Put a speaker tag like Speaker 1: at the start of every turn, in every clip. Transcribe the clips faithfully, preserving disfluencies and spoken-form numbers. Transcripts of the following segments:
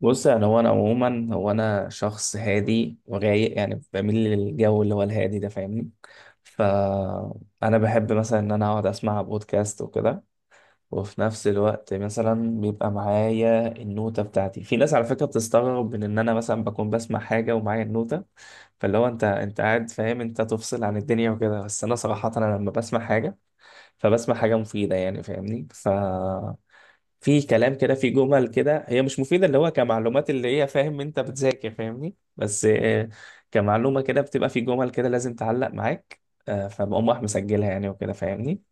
Speaker 1: بص، يعني هو انا عموما هو انا شخص هادي ورايق، يعني بميل للجو اللي هو الهادي ده، فاهمني؟ فانا بحب مثلا ان انا اقعد اسمع بودكاست وكده. وفي نفس الوقت مثلا بيبقى معايا النوتة بتاعتي، في ناس على فكرة بتستغرب من ان انا مثلا بكون بسمع حاجة ومعايا النوتة. فاللي هو انت انت قاعد فاهم انت تفصل عن الدنيا وكده، بس انا صراحة انا لما بسمع حاجة فبسمع حاجة مفيدة، يعني فاهمني. ف في كلام كده، في جمل كده هي مش مفيدة اللي هو كمعلومات، اللي هي فاهم انت بتذاكر فاهمني، بس آه، كمعلومة كده بتبقى في جمل كده لازم تعلق معاك. آه، فبقوم راح مسجلها يعني وكده فاهمني.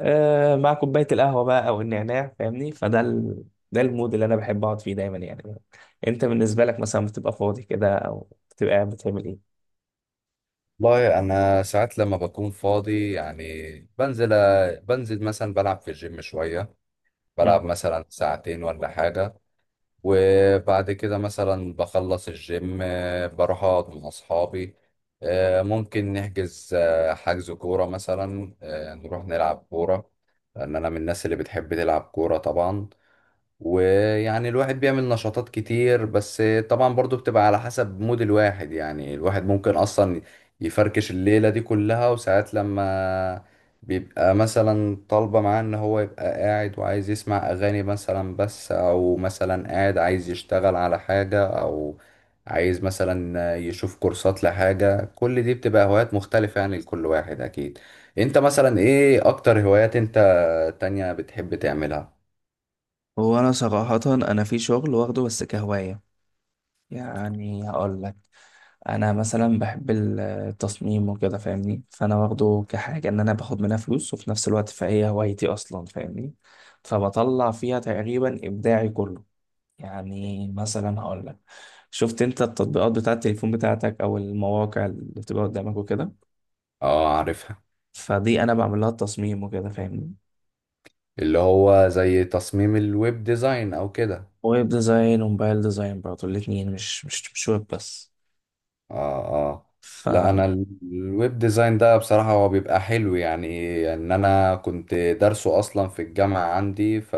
Speaker 1: آه، مع كوباية القهوة بقى او النعناع، فاهمني. فده ال... ده المود اللي انا بحب اقعد فيه دايما، يعني. انت بالنسبة لك مثلا بتبقى فاضي كده او بتبقى قاعد بتعمل ايه؟
Speaker 2: والله انا ساعات لما بكون فاضي يعني بنزل بنزل مثلا بلعب في الجيم شويه.
Speaker 1: مم.
Speaker 2: بلعب مثلا ساعتين ولا حاجه. وبعد كده مثلا بخلص الجيم، آه، بروح اقعد مع اصحابي. آه، ممكن نحجز، آه، حجز كوره مثلا، آه، نروح نلعب كوره. لان انا من الناس اللي بتحب تلعب كوره طبعا، ويعني الواحد بيعمل نشاطات كتير. بس طبعا برضو بتبقى على حسب مود الواحد، يعني الواحد ممكن اصلا يفركش الليلة دي كلها. وساعات لما بيبقى مثلا طالبة معاه ان هو يبقى قاعد وعايز يسمع اغاني مثلا بس، او مثلا قاعد عايز يشتغل على حاجة، او عايز مثلا يشوف كورسات لحاجة. كل دي بتبقى هوايات مختلفة يعني لكل واحد اكيد. انت مثلا ايه اكتر هوايات انت تانية بتحب تعملها؟
Speaker 1: هو انا صراحة انا في شغل واخده بس كهواية، يعني هقول لك، انا مثلا بحب ال- التصميم وكده فاهمني. فانا واخده كحاجه ان انا باخد منها فلوس، وفي نفس الوقت فهي هوايتي اصلا، فاهمني. فبطلع فيها تقريبا ابداعي كله. يعني مثلا هقول لك، شفت انت التطبيقات بتاعه التليفون بتاعتك او المواقع اللي بتبقى قدامك وكده؟
Speaker 2: اه عارفها.
Speaker 1: فدي انا بعمل لها التصميم وكده، فاهمني.
Speaker 2: اللي هو زي تصميم الويب ديزاين او كده؟
Speaker 1: ويب ديزاين وموبايل ديزاين برضه الاتنين، مش مش مش ويب بس.
Speaker 2: اه. اه.
Speaker 1: ف
Speaker 2: لا
Speaker 1: م-
Speaker 2: انا ال- الويب ديزاين ده بصراحة هو بيبقى حلو يعني. ان انا كنت دارسه اصلا في الجامعة عندي، ف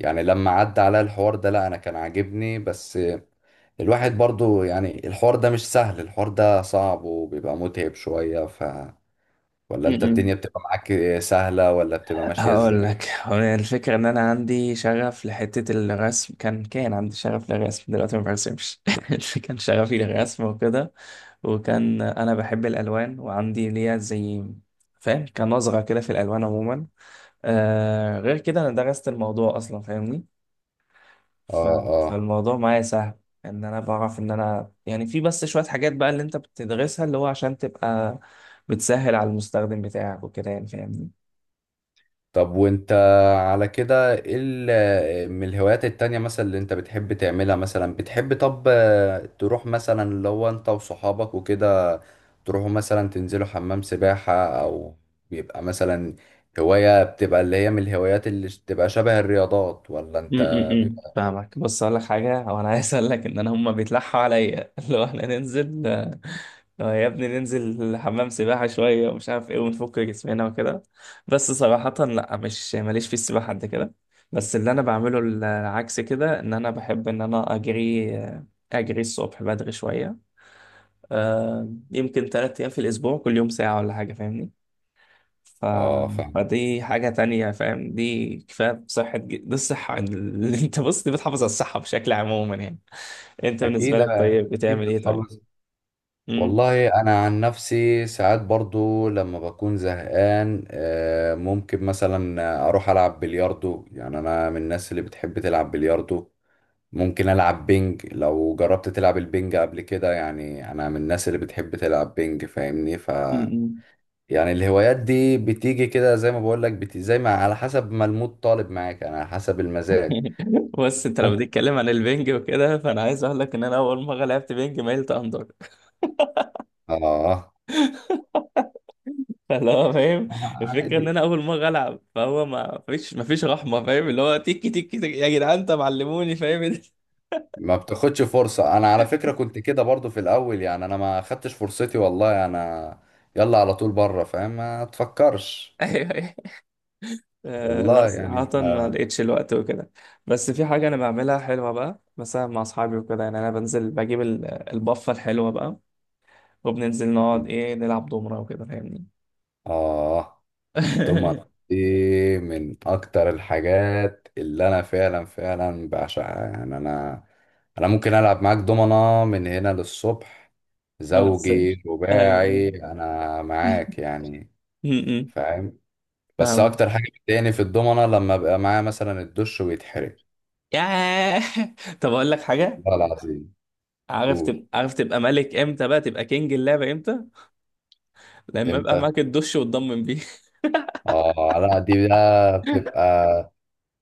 Speaker 2: يعني لما عدى عليا الحوار ده، لا انا كان عاجبني. بس الواحد برضو يعني الحوار ده مش سهل، الحوار ده صعب وبيبقى متعب شوية. ف ولا انت
Speaker 1: م.
Speaker 2: الدنيا بتبقى معاك سهلة، ولا بتبقى ماشية
Speaker 1: هقول
Speaker 2: ازاي؟
Speaker 1: لك، هو الفكرة ان انا عندي شغف لحتة الرسم، كان كان عندي شغف للرسم، دلوقتي ما برسمش. كان شغفي للرسم وكده، وكان انا بحب الالوان وعندي ليا زي فاهم كان نظرة كده في الالوان عموما. آه، غير كده انا درست الموضوع اصلا، فاهمني.
Speaker 2: اه.
Speaker 1: ف...
Speaker 2: آه.
Speaker 1: فالموضوع معايا سهل، ان انا بعرف ان انا يعني في بس شوية حاجات بقى اللي انت بتدرسها اللي هو عشان تبقى بتسهل على المستخدم بتاعك وكده، يعني فاهمني.
Speaker 2: طب وانت على كده ايه ال- من الهوايات التانية مثلا اللي انت بتحب تعملها؟ مثلا بتحب طب، آه، تروح مثلا اللي هو انت وصحابك وكده تروحوا مثلا تنزلوا حمام سباحة؟ او بيبقى مثلا هواية بتبقى اللي هي من الهوايات اللي بتبقى شبه الرياضات ولا؟ انت
Speaker 1: امم،
Speaker 2: بيبقى.
Speaker 1: فاهمك. بص اقول لك حاجه، هو انا عايز اقول لك ان انا هما بيتلحوا عليا لو احنا ننزل. آه، يا ابني ننزل حمام سباحه شويه ومش عارف ايه، ونفك جسمنا وكده، بس صراحه لا، مش ماليش في السباحه قد كده. بس اللي انا بعمله العكس كده، ان انا بحب ان انا اجري، آه، اجري الصبح بدري شويه، آه، يمكن ثلاث ايام في الاسبوع، كل يوم ساعه ولا حاجه، فاهمني. ف...
Speaker 2: اه فاهم.
Speaker 1: فدي حاجة تانية فاهم، دي كفاية بصحة، ج- دي الصحة اللي انت بص دي بتحافظ على الصحة بشكل عموما، يعني. انت بالنسبة
Speaker 2: اكيد
Speaker 1: لك طيب
Speaker 2: اكيد
Speaker 1: بتعمل ايه طيب؟
Speaker 2: بتحافظ.
Speaker 1: مم.
Speaker 2: والله انا عن نفسي ساعات برضو لما بكون زهقان، آه، ممكن مثلا اروح العب بلياردو. يعني انا من الناس اللي بتحب تلعب بلياردو. ممكن العب بينج، لو جربت تلعب البينج قبل كده. يعني انا من الناس اللي بتحب تلعب بينج، فاهمني. ف
Speaker 1: مم.
Speaker 2: يعني الهوايات دي بتيجي كده زي ما بقول لك، بت... زي ما على حسب ما المود طالب معاك. انا على حسب المزاج.
Speaker 1: بص انت لو
Speaker 2: ممكن.
Speaker 1: بتتكلم عن البنج وكده، فانا عايز اقول لك ان انا اول مرة لعبت بنج ميلت اندر.
Speaker 2: اه.
Speaker 1: فاللي هو فاهم، الفكرة ان
Speaker 2: عادي.
Speaker 1: انا اول مرة العب فهو ما فيش ما فيش رحمة، فاهم؟ اللي هو تيكي تيكي تيكي يا جدعان انت معلموني، فاهم؟
Speaker 2: ما بتاخدش فرصة. انا على فكرة كنت كده برضو في الاول، يعني انا ما خدتش فرصتي، والله. انا يلا على طول بره، فاهم؟ ما تفكرش.
Speaker 1: ايوه. آه، لا
Speaker 2: والله
Speaker 1: صراحة
Speaker 2: يعني ف-
Speaker 1: ما لقيتش الوقت وكده. بس في حاجة أنا بعملها حلوة بقى مثلا مع أصحابي وكده، يعني أنا بنزل بجيب ال- البفة الحلوة بقى، وبننزل نقعد إيه نلعب دومرة وكده، فاهمني.
Speaker 2: اه. الدمر دي من اكتر الحاجات اللي انا فعلا فعلا بعشقها يعني. انا انا ممكن العب معاك دومنة من هنا للصبح.
Speaker 1: ما تنساش.
Speaker 2: زوجي
Speaker 1: أيوة.
Speaker 2: رباعي انا معاك يعني.
Speaker 1: م- م.
Speaker 2: فاهم. بس
Speaker 1: فاهم.
Speaker 2: اكتر حاجه بتضايقني في الضمنه، لما ابقى معايا مثلا الدش ويتحرق.
Speaker 1: ياه. طب أقول لك حاجة،
Speaker 2: والله العظيم.
Speaker 1: عارف
Speaker 2: قول.
Speaker 1: تبقى، عارف تبقى ملك إمتى، بقى تبقى كينج اللعبة إمتى؟ لما أبقى
Speaker 2: امتى؟
Speaker 1: معاك الدش وتضمن بيه.
Speaker 2: اه، لا دي بقى بتبقى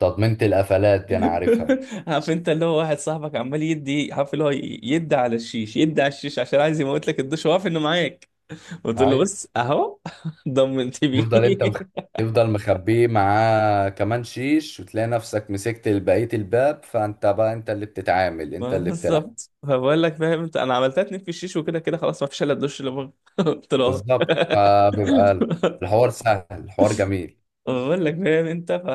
Speaker 2: تضمينة القفلات، دي انا عارفها.
Speaker 1: عارف انت اللي هو واحد صاحبك عمال يدي، عارف اللي هو يدي على الشيش، يدي على الشيش عشان عايز يموت لك الدش، وعارف انه معاك. قلت له
Speaker 2: هاي.
Speaker 1: بص اهو. ضمنت بيه.
Speaker 2: تفضل انت مخ... تفضل مخبيه معاه كمان شيش، وتلاقي نفسك مسكت بقيه الباب، فانت بقى انت اللي بتتعامل، انت
Speaker 1: ما
Speaker 2: اللي بتلعب.
Speaker 1: بالظبط، فبقول لك فاهم انت، انا عملتها اتنين في الشيش وكده كده خلاص، ما فيش الا الدش اللي بره. قلت له اهو.
Speaker 2: بالظبط، فبيبقى الحوار سهل، الحوار جميل.
Speaker 1: بقول لك فاهم انت. ف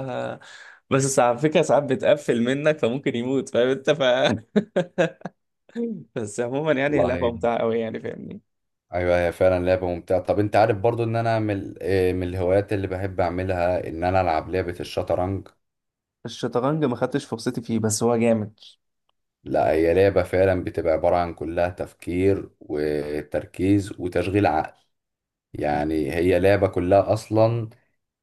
Speaker 1: بس على فكره ساعات بتقفل منك فممكن يموت، فاهم انت؟ ف بس عموما يعني هي لعبه
Speaker 2: والله
Speaker 1: ممتعه قوي، يعني فاهمني.
Speaker 2: ايوه، هي فعلا لعبه ممتعه. طب انت عارف برضو ان انا من ال- آه، من الهوايات اللي بحب اعملها، ان انا العب لعبه الشطرنج.
Speaker 1: الشطرنج ما خدتش فرصتي فيه، بس هو جامد.
Speaker 2: لا هي لعبه فعلا بتبقى عباره عن كلها تفكير وتركيز وتشغيل عقل. يعني هي لعبه كلها اصلا.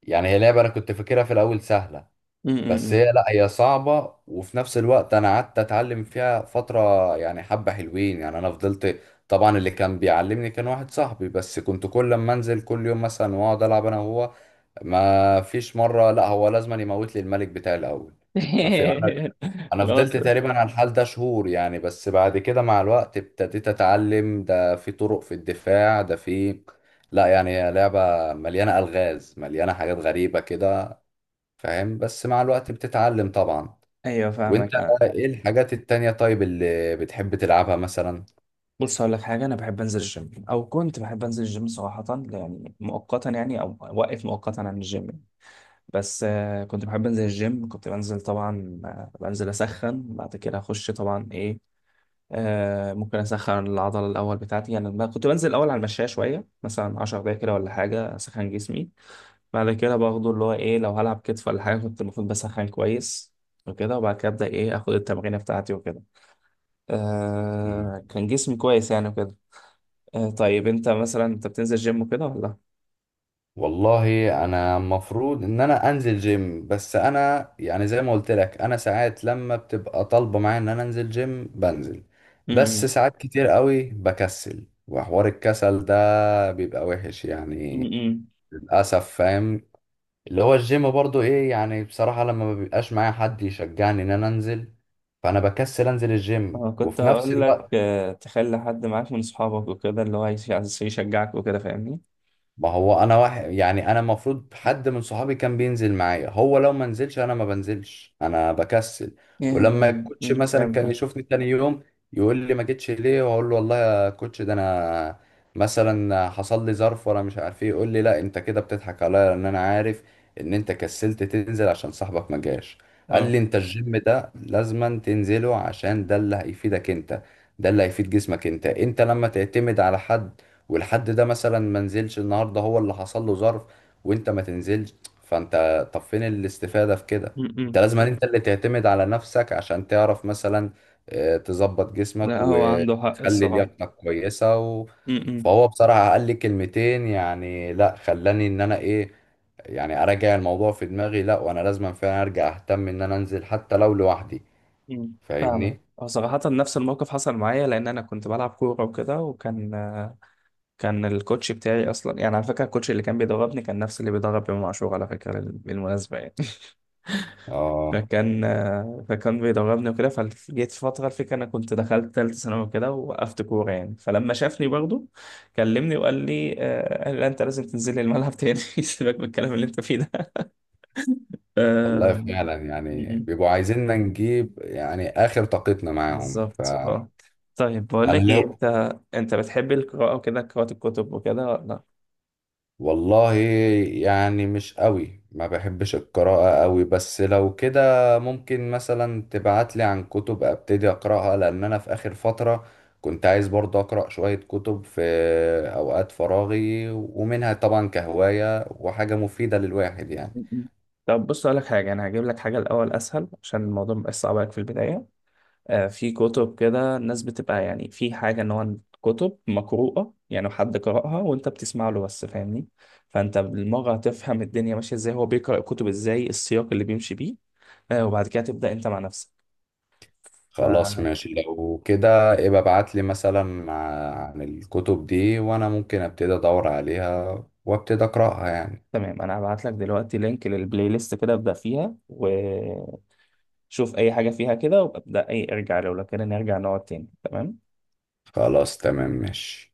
Speaker 2: يعني هي لعبه انا كنت فاكرها في الاول سهله،
Speaker 1: م- م-
Speaker 2: بس هي
Speaker 1: م.
Speaker 2: لا، هي صعبة. وفي نفس الوقت أنا قعدت أتعلم فيها فترة، يعني حبة حلوين. يعني أنا فضلت، طبعا اللي كان بيعلمني كان واحد صاحبي، بس كنت كل ما أنزل كل يوم مثلا وأقعد ألعب أنا وهو، ما فيش مرة لا هو لازم يموت لي الملك بتاعي الأول. ما في أنا. أنا
Speaker 1: اللي هو
Speaker 2: فضلت
Speaker 1: ت-
Speaker 2: تقريبا على الحال ده شهور يعني، بس بعد كده مع الوقت ابتديت أتعلم، ده في طرق، في الدفاع، ده في، لا يعني هي لعبة مليانة ألغاز، مليانة حاجات غريبة كده، فاهم. بس مع الوقت بتتعلم طبعا.
Speaker 1: ايوه،
Speaker 2: وانت
Speaker 1: فاهمك. آه.
Speaker 2: ايه الحاجات التانية طيب اللي بتحب تلعبها مثلا؟
Speaker 1: بص هقول لك حاجه، انا بحب انزل الجيم، او كنت بحب انزل الجيم صراحه يعني، مؤقتا يعني، او واقف مؤقتا عن الجيم يعني. بس آه كنت بحب انزل الجيم، كنت بنزل طبعا، آه بنزل اسخن بعد كده اخش طبعا ايه، آه ممكن اسخن العضله الاول بتاعتي، يعني أنا كنت بنزل الاول على المشايه شويه مثلا 10 دقايق كده ولا حاجه، اسخن جسمي، بعد كده باخده اللي هو ايه، لو هلعب كتف ولا حاجه كنت المفروض بسخن كويس وكده، وبعد كده ابدا ايه اخد التمرينه بتاعتي وكده.
Speaker 2: مم.
Speaker 1: آه كان جسمي كويس يعني وكده. آه طيب انت مثلا انت بتنزل جيم وكده ولا؟
Speaker 2: والله انا المفروض ان انا انزل جيم، بس انا يعني زي ما قلت لك، انا ساعات لما بتبقى طالبة معايا ان انا انزل جيم بنزل. بس
Speaker 1: امم.
Speaker 2: ساعات كتير قوي بكسل، وحوار الكسل ده بيبقى وحش يعني.
Speaker 1: امم.
Speaker 2: للاسف فاهم. اللي هو الجيم برضو ايه يعني، بصراحة لما ما بيبقاش معايا حد يشجعني ان انا انزل، فانا بكسل انزل الجيم.
Speaker 1: اه كنت
Speaker 2: وفي نفس
Speaker 1: هقول لك،
Speaker 2: الوقت
Speaker 1: آه تخلي حد معاك من اصحابك وكده اللي هو يش- عايز يشجعك وكده، فاهمني.
Speaker 2: ما هو انا واحد، يعني انا المفروض حد من صحابي كان بينزل معايا، هو لو ما نزلش انا ما بنزلش، انا بكسل. ولما الكوتش
Speaker 1: امم،
Speaker 2: مثلا كان
Speaker 1: فهمتك.
Speaker 2: يشوفني تاني يوم يقول لي ما جيتش ليه؟ واقول له والله يا كوتش، ده انا مثلا حصل لي ظرف وانا مش عارف ايه. يقول لي لا انت كده بتضحك عليا، لان انا عارف ان انت كسلت تنزل عشان صاحبك ما جاش. قال
Speaker 1: اه.
Speaker 2: لي انت الجيم ده لازما تنزله، عشان ده اللي هيفيدك انت، ده اللي هيفيد جسمك. انت انت لما تعتمد على حد، والحد ده مثلا ما نزلش النهارده، هو اللي حصل له ظرف، وانت ما تنزلش، فانت طب فين الاستفادة في كده؟ انت
Speaker 1: امم.
Speaker 2: لازم انت اللي تعتمد على نفسك، عشان تعرف مثلا آه، تظبط جسمك
Speaker 1: لا هو عنده حق
Speaker 2: وتخلي
Speaker 1: الصراحه.
Speaker 2: لياقتك كويسة. و...
Speaker 1: امم.
Speaker 2: فهو بصراحة قال لي كلمتين، يعني لا خلاني ان انا ايه، يعني اراجع الموضوع في دماغي. لا وانا لازم فعلا ارجع اهتم ان انا انزل حتى لو لوحدي.
Speaker 1: مم. فاهمة.
Speaker 2: فاهمني.
Speaker 1: هو صراحة نفس الموقف حصل معايا، لأن أنا كنت بلعب كورة وكده، وكان آه، كان الكوتش بتاعي أصلا، يعني على فكرة الكوتش اللي كان بيدربني كان نفس اللي بيدرب إمام عاشور على فكرة، بال- بالمناسبة يعني.
Speaker 2: اه.
Speaker 1: فكان، آه، فكان بيدربني وكده، فجيت في فترة، الفكرة أنا كنت دخلت تالتة ثانوي وكده ووقفت كورة يعني، فلما شافني برضه كلمني وقال لي، آه، قال لي لا أنت لازم تنزل لي الملعب تاني، سيبك من الكلام اللي أنت فيه ده.
Speaker 2: والله
Speaker 1: آه،
Speaker 2: فعلا،
Speaker 1: م-
Speaker 2: يعني
Speaker 1: م.
Speaker 2: بيبقوا عايزيننا نجيب يعني آخر طاقتنا معاهم،
Speaker 1: بالظبط،
Speaker 2: فأنا
Speaker 1: اه. طيب بقول لك ايه،
Speaker 2: لو
Speaker 1: انت انت بتحب القراءة وكده، قراءة الكتب وكده ولا لا؟
Speaker 2: والله يعني مش قوي، ما بحبش القراءة قوي. بس لو كده ممكن مثلا تبعتلي عن كتب أبتدي أقرأها، لأن أنا في آخر فترة كنت عايز برضه أقرأ شوية كتب في أوقات فراغي، ومنها طبعا كهواية وحاجة مفيدة للواحد يعني.
Speaker 1: م-م. طب بص اقول لك حاجة، انا هجيب لك حاجة الاول اسهل عشان الموضوع مبقاش صعب عليك في البداية. آه في كتب كده، الناس بتبقى يعني في حاجة ان هو كتب مقروءة، يعني حد قرأها وانت بتسمع له بس، فاهمني. فانت بالمرة هتفهم الدنيا ماشية ازاي، هو بيقرأ الكتب ازاي، السياق اللي بيمشي بيه. آه، وبعد كده تبدأ انت مع نفسك.
Speaker 2: خلاص ماشي، لو كده ابقى ابعت لي مثلا عن الكتب دي، وانا ممكن ابتدي ادور عليها وابتدي اقراها يعني.
Speaker 1: فتمام، انا هبعت لك دلوقتي لينك للبلاي ليست، كده ابدا فيها و شوف اي حاجه فيها كده، وابدا اي ارجع لو لو كده نرجع نقعد تاني، تمام.
Speaker 2: خلاص تمام ماشي.